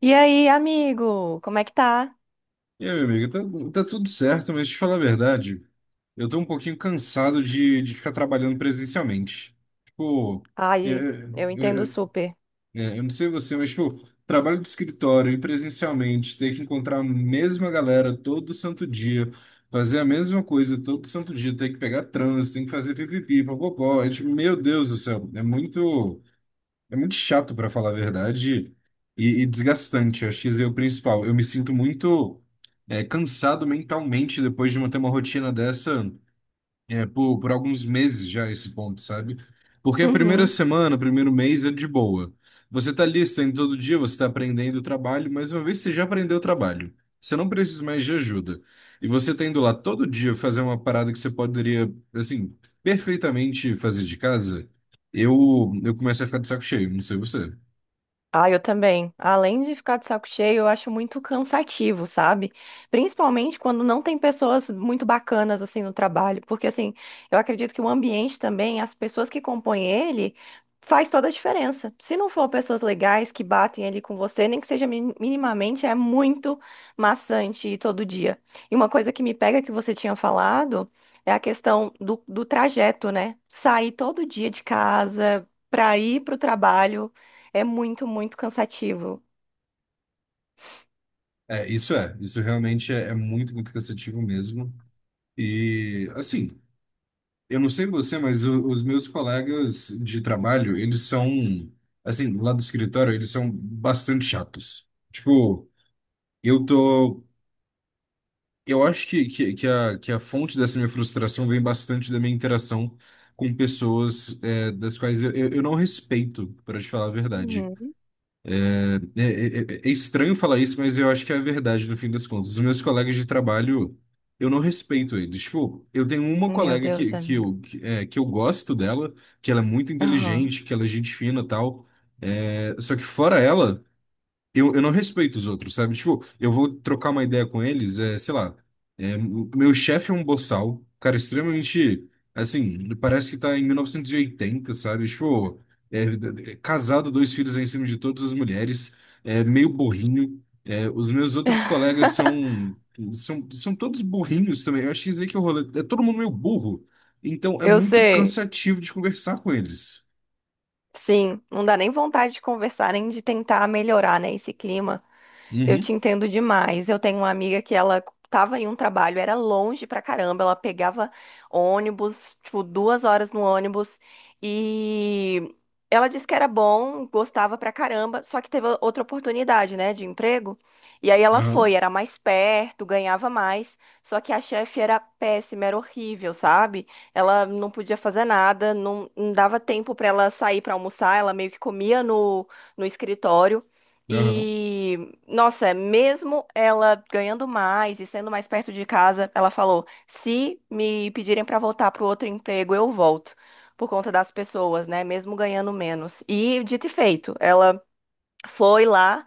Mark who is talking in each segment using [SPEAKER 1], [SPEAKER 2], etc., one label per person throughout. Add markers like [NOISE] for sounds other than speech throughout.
[SPEAKER 1] E aí, amigo, como é que tá?
[SPEAKER 2] E aí, meu amigo, tá, tá tudo certo, mas deixa eu te falar a verdade, eu tô um pouquinho cansado de ficar trabalhando presencialmente. Tipo, é,
[SPEAKER 1] Ai,
[SPEAKER 2] é,
[SPEAKER 1] eu entendo super.
[SPEAKER 2] eu não sei você, mas tipo, trabalho de escritório e presencialmente, ter que encontrar a mesma galera todo santo dia, fazer a mesma coisa todo santo dia, ter que pegar trânsito, tem que fazer pipipi, popopó, é tipo, meu Deus do céu, é muito. É muito chato, pra falar a verdade, e desgastante. Acho que esse é o principal. Eu me sinto muito cansado mentalmente depois de manter uma rotina dessa, por alguns meses já esse ponto, sabe? Porque a primeira
[SPEAKER 1] Uhum.
[SPEAKER 2] semana, o primeiro mês é de boa. Você tá ali, você tá indo todo dia, você tá aprendendo o trabalho, mas uma vez que você já aprendeu o trabalho, você não precisa mais de ajuda. E você tá indo lá todo dia fazer uma parada que você poderia, assim, perfeitamente fazer de casa, eu começo a ficar de saco cheio, não sei você.
[SPEAKER 1] Ah, eu também. Além de ficar de saco cheio, eu acho muito cansativo, sabe? Principalmente quando não tem pessoas muito bacanas assim no trabalho, porque assim, eu acredito que o ambiente também, as pessoas que compõem ele, faz toda a diferença. Se não for pessoas legais que batem ali com você, nem que seja minimamente, é muito maçante ir todo dia. E uma coisa que me pega que você tinha falado é a questão do trajeto, né? Sair todo dia de casa para ir para o trabalho, é muito, muito cansativo.
[SPEAKER 2] Isso realmente é muito, muito cansativo mesmo. E, assim. Eu não sei você, mas os meus colegas de trabalho, eles são, assim, lá do escritório, eles são bastante chatos. Tipo, eu tô. Eu acho que a fonte dessa minha frustração vem bastante da minha interação com pessoas, das quais eu não respeito, para te falar a verdade.
[SPEAKER 1] Uhum.
[SPEAKER 2] É, é- é estranho falar isso, mas eu acho que é a verdade no fim das contas. Os meus colegas de trabalho, eu não respeito eles. Tipo, eu tenho uma
[SPEAKER 1] Meu
[SPEAKER 2] colega
[SPEAKER 1] Deus,
[SPEAKER 2] que, que,
[SPEAKER 1] amigo.
[SPEAKER 2] eu, que, é, que eu gosto dela, que ela é muito
[SPEAKER 1] Aham.
[SPEAKER 2] inteligente, que ela é gente fina e tal. É, só que fora ela. Eu não respeito os outros, sabe? Tipo, eu vou trocar uma ideia com eles, sei lá. O meu chefe é um boçal, cara, extremamente. Assim, parece que tá em 1980, sabe? Tipo, é casado, dois filhos em cima de todas as mulheres, é meio burrinho. Os meus outros
[SPEAKER 1] [LAUGHS]
[SPEAKER 2] colegas são, todos burrinhos também. Eu acho que dizer que o rolê. É todo mundo meio burro. Então é
[SPEAKER 1] Eu
[SPEAKER 2] muito
[SPEAKER 1] sei.
[SPEAKER 2] cansativo de conversar com eles.
[SPEAKER 1] Sim, não dá nem vontade de conversar, nem de tentar melhorar, né, esse clima. Eu
[SPEAKER 2] Uhum,
[SPEAKER 1] te entendo demais. Eu tenho uma amiga que ela tava em um trabalho, era longe pra caramba, ela pegava ônibus, tipo, 2 horas no ônibus, e ela disse que era bom, gostava pra caramba, só que teve outra oportunidade, né, de emprego, e aí ela
[SPEAKER 2] aham,
[SPEAKER 1] foi, era mais perto, ganhava mais, só que a chefe era péssima, era horrível, sabe? Ela não podia fazer nada, não dava tempo pra ela sair pra almoçar, ela meio que comia no escritório,
[SPEAKER 2] aham,
[SPEAKER 1] e nossa, mesmo ela ganhando mais e sendo mais perto de casa, ela falou: se me pedirem para voltar para o outro emprego, eu volto. Por conta das pessoas, né? Mesmo ganhando menos. E dito e feito, ela foi lá,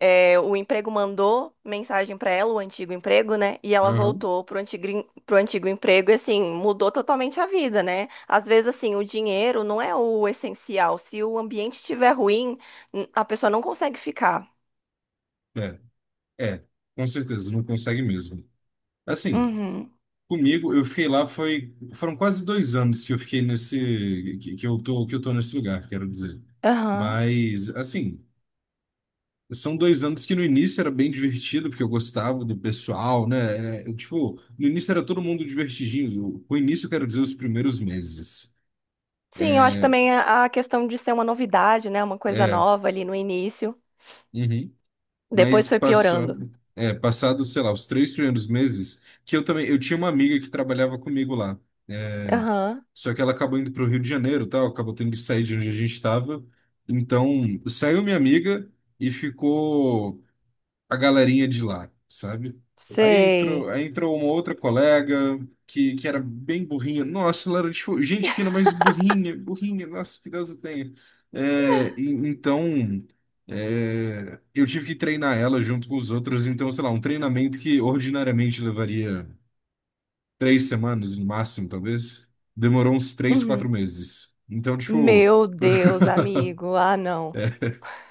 [SPEAKER 1] o emprego mandou mensagem para ela, o antigo emprego, né? E ela
[SPEAKER 2] aham.
[SPEAKER 1] voltou pro antigo, pro antigo emprego e, assim, mudou totalmente a vida, né? Às vezes, assim, o dinheiro não é o essencial. Se o ambiente estiver ruim, a pessoa não consegue ficar.
[SPEAKER 2] É. É, com certeza, não consegue mesmo. Assim,
[SPEAKER 1] Uhum.
[SPEAKER 2] comigo, eu fiquei lá, foram quase 2 anos que eu fiquei nesse, que eu tô nesse lugar, quero dizer.
[SPEAKER 1] Aham.
[SPEAKER 2] Mas, assim, são 2 anos que no início era bem divertido, porque eu gostava do pessoal, né? É, eu, tipo, no início era todo mundo divertidinho. Com o início, eu quero dizer, os primeiros meses.
[SPEAKER 1] Sim, eu acho que
[SPEAKER 2] É,
[SPEAKER 1] também a questão de ser uma novidade, né? Uma coisa
[SPEAKER 2] é,
[SPEAKER 1] nova ali no início.
[SPEAKER 2] uhum.
[SPEAKER 1] Depois
[SPEAKER 2] Mas
[SPEAKER 1] foi piorando.
[SPEAKER 2] passando, passado, sei lá, os 3 primeiros meses, que eu também, eu tinha uma amiga que trabalhava comigo lá. É,
[SPEAKER 1] Aham.
[SPEAKER 2] só que ela acabou indo para o Rio de Janeiro, e tal, acabou tendo que sair de onde a gente estava. Então, saiu minha amiga e ficou a galerinha de lá, sabe? Aí entrou,
[SPEAKER 1] Sei.
[SPEAKER 2] aí entrou uma outra colega que era bem burrinha. Nossa, ela era tipo, gente fina, mas burrinha, burrinha, nossa, que Deus a tenha. Então, eu tive que treinar ela junto com os outros. Então, sei lá, um treinamento que ordinariamente levaria 3 semanas, no máximo, talvez, demorou uns três, quatro
[SPEAKER 1] Uhum.
[SPEAKER 2] meses. Então, tipo.
[SPEAKER 1] Meu Deus, amigo. Ah, não.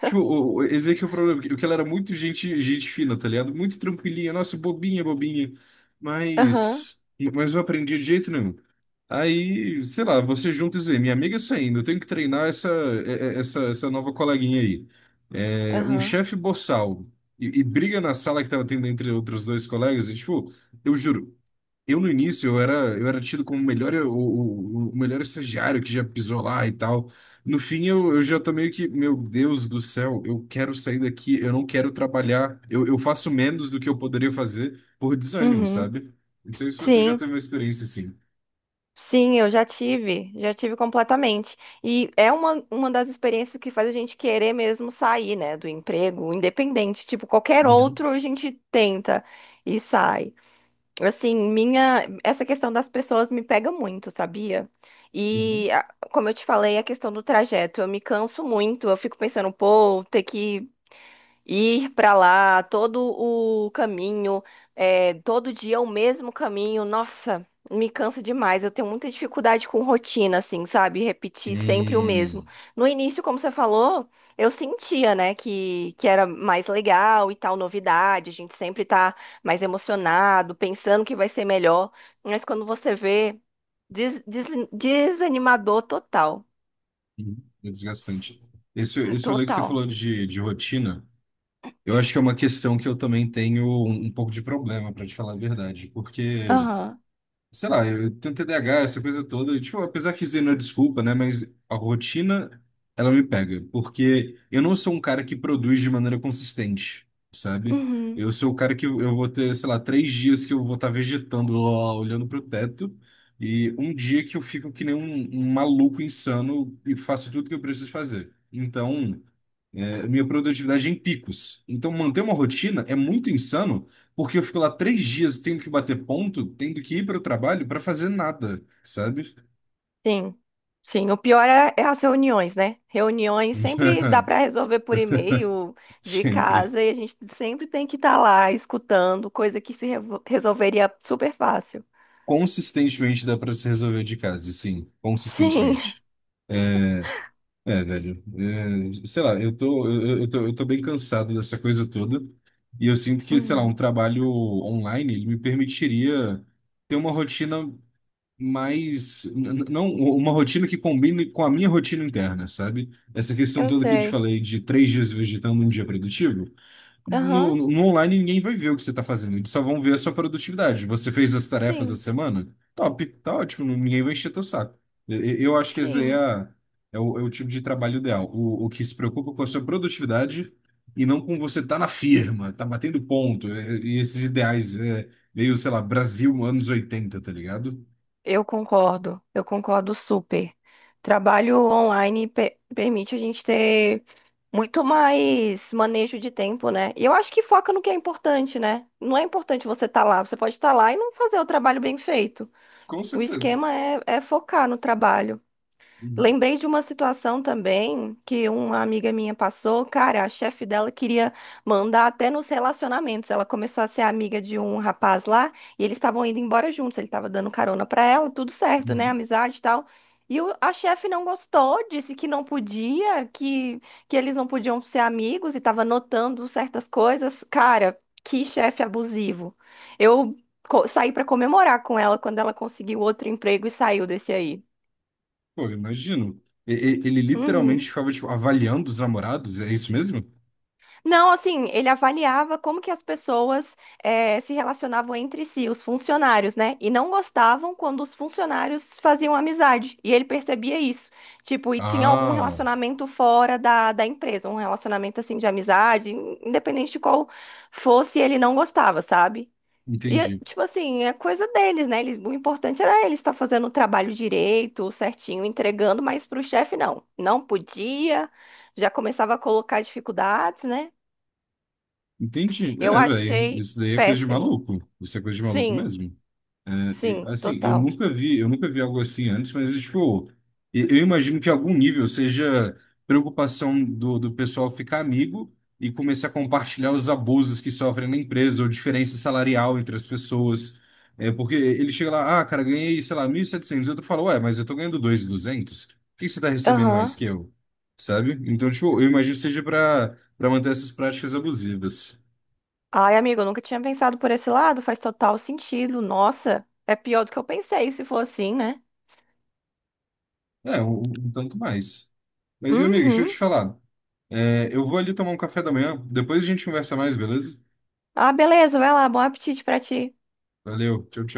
[SPEAKER 2] Tipo, esse aqui é o problema, que ela era muito gente, gente fina, tá ligado? Muito tranquilinha, nossa, bobinha, bobinha.
[SPEAKER 1] Aham.
[SPEAKER 2] Mas, mas eu aprendi de jeito nenhum. Aí, sei lá, você junta e diz, minha amiga tá saindo, eu tenho que treinar essa, essa nova coleguinha aí. É, um
[SPEAKER 1] Aham.
[SPEAKER 2] chefe boçal e briga na sala que tava tendo entre outros dois colegas, e tipo, eu juro. Eu no início eu era tido como o melhor, o melhor estagiário que já pisou lá e tal. No fim eu já tô meio que, meu Deus do céu, eu quero sair daqui, eu não quero trabalhar, eu faço menos do que eu poderia fazer por desânimo,
[SPEAKER 1] Uhum.
[SPEAKER 2] sabe? Não sei se você já
[SPEAKER 1] Sim.
[SPEAKER 2] teve uma experiência assim.
[SPEAKER 1] Sim, eu já tive. Já tive completamente. E é uma das experiências que faz a gente querer mesmo sair, né? Do emprego, independente. Tipo, qualquer
[SPEAKER 2] Uhum,
[SPEAKER 1] outro a gente tenta e sai. Assim, minha, essa questão das pessoas me pega muito, sabia?
[SPEAKER 2] uhum.
[SPEAKER 1] E, a- Como eu te falei, a questão do trajeto, eu me canso muito, eu fico pensando, pô, ter que ir para lá, todo o caminho, é, todo dia é o mesmo caminho, nossa, me cansa demais. Eu tenho muita dificuldade com rotina, assim, sabe? Repetir sempre o mesmo.
[SPEAKER 2] É,
[SPEAKER 1] No início, como você falou, eu sentia, né, que era mais legal e tal, novidade, a gente sempre tá mais emocionado, pensando que vai ser melhor, mas quando você vê, desanimador total,
[SPEAKER 2] uhum. É desgastante. Esse rolê que você
[SPEAKER 1] total.
[SPEAKER 2] falou de rotina, eu acho que é uma questão que eu também tenho um pouco de problema, para te falar a verdade, porque
[SPEAKER 1] Aham.
[SPEAKER 2] sei lá, eu tenho TDAH, essa coisa toda. E, tipo, apesar que isso não é desculpa, né? Mas a rotina, ela me pega. Porque eu não sou um cara que produz de maneira consistente, sabe?
[SPEAKER 1] Uhum.
[SPEAKER 2] Eu sou o cara que eu vou ter, sei lá, 3 dias que eu vou estar vegetando lá, olhando pro teto. E um dia que eu fico que nem um maluco insano e faço tudo que eu preciso fazer. Então a minha produtividade é em picos. Então, manter uma rotina é muito insano, porque eu fico lá 3 dias tendo que bater ponto, tendo que ir para o trabalho para fazer nada, sabe?
[SPEAKER 1] Sim, sim. O pior é as reuniões, né? Reuniões sempre dá
[SPEAKER 2] [LAUGHS]
[SPEAKER 1] para resolver por e-mail de
[SPEAKER 2] Sempre.
[SPEAKER 1] casa e a gente sempre tem que estar lá escutando, coisa que se resolveria super fácil.
[SPEAKER 2] Consistentemente dá para se resolver de casa, sim,
[SPEAKER 1] Sim, [LAUGHS]
[SPEAKER 2] consistentemente. É, velho. Sei lá, eu tô bem cansado dessa coisa toda. E eu sinto que, sei lá, um
[SPEAKER 1] Uhum.
[SPEAKER 2] trabalho online, ele me permitiria ter uma rotina mas não uma rotina que combine com a minha rotina interna, sabe? Essa questão
[SPEAKER 1] Eu
[SPEAKER 2] toda que eu te
[SPEAKER 1] sei.
[SPEAKER 2] falei de 3 dias vegetando um dia produtivo, no,
[SPEAKER 1] Aham,
[SPEAKER 2] no online ninguém vai ver o que você está fazendo, eles só vão ver a sua produtividade. Você fez as tarefas da
[SPEAKER 1] sim,
[SPEAKER 2] semana? Top, tá ótimo, ninguém vai encher teu saco. Eu acho que esse aí é,
[SPEAKER 1] sim.
[SPEAKER 2] é o, tipo de trabalho ideal, o que se preocupa com a sua produtividade e não com você tá na firma, tá batendo ponto, e esses ideais, é, meio, sei lá, Brasil anos 80, tá ligado?
[SPEAKER 1] Eu concordo super. Trabalho online permite a gente ter muito mais manejo de tempo, né? E eu acho que foca no que é importante, né? Não é importante você estar lá, você pode estar lá e não fazer o trabalho bem feito.
[SPEAKER 2] Com
[SPEAKER 1] O
[SPEAKER 2] certeza.
[SPEAKER 1] esquema é focar no trabalho.
[SPEAKER 2] Uhum,
[SPEAKER 1] Lembrei de uma situação também que uma amiga minha passou. Cara, a chefe dela queria mandar até nos relacionamentos. Ela começou a ser amiga de um rapaz lá e eles estavam indo embora juntos. Ele estava dando carona para ela, tudo certo, né?
[SPEAKER 2] uhum.
[SPEAKER 1] Amizade e tal. A chefe não gostou, disse que não podia, que eles não podiam ser amigos e estava notando certas coisas. Cara, que chefe abusivo. Eu saí para comemorar com ela quando ela conseguiu outro emprego e saiu desse aí.
[SPEAKER 2] Pô, eu imagino. Ele literalmente
[SPEAKER 1] Uhum.
[SPEAKER 2] ficava, tipo, avaliando os namorados, é isso mesmo?
[SPEAKER 1] Não, assim, ele avaliava como que as pessoas se relacionavam entre si, os funcionários, né? E não gostavam quando os funcionários faziam amizade. E ele percebia isso. Tipo, e tinha algum
[SPEAKER 2] Ah,
[SPEAKER 1] relacionamento fora da empresa, um relacionamento assim de amizade, independente de qual fosse, ele não gostava, sabe? E, eh,
[SPEAKER 2] entendi.
[SPEAKER 1] tipo assim, é coisa deles, né? O importante era ele estar fazendo o trabalho direito, certinho, entregando, mas pro chefe não. Não podia, já começava a colocar dificuldades, né?
[SPEAKER 2] Entendi.
[SPEAKER 1] Eu
[SPEAKER 2] É, velho,
[SPEAKER 1] achei
[SPEAKER 2] isso daí é coisa de
[SPEAKER 1] péssimo.
[SPEAKER 2] maluco. Isso é coisa de maluco
[SPEAKER 1] Sim,
[SPEAKER 2] mesmo. É. E,
[SPEAKER 1] sim,
[SPEAKER 2] assim, eu
[SPEAKER 1] total.
[SPEAKER 2] nunca vi, eu nunca vi algo assim antes, mas tipo, eu imagino que algum nível seja preocupação do pessoal ficar amigo e começar a compartilhar os abusos que sofrem na empresa ou diferença salarial entre as pessoas. É, porque ele chega lá, ah, cara, ganhei, sei lá, 1.700, outro fala, ué, mas eu tô ganhando 2.200, por que que você tá recebendo mais
[SPEAKER 1] Aham.
[SPEAKER 2] que eu? Sabe? Então, tipo, eu imagino que seja para manter essas práticas abusivas.
[SPEAKER 1] Ai, amigo, eu nunca tinha pensado por esse lado, faz total sentido. Nossa, é pior do que eu pensei se for assim, né?
[SPEAKER 2] É, um tanto mais. Mas, meu amigo, deixa eu
[SPEAKER 1] Uhum.
[SPEAKER 2] te falar. É, eu vou ali tomar um café da manhã. Depois a gente conversa mais, beleza?
[SPEAKER 1] Ah, beleza, vai lá, bom apetite pra ti.
[SPEAKER 2] Valeu, tchau, tchau.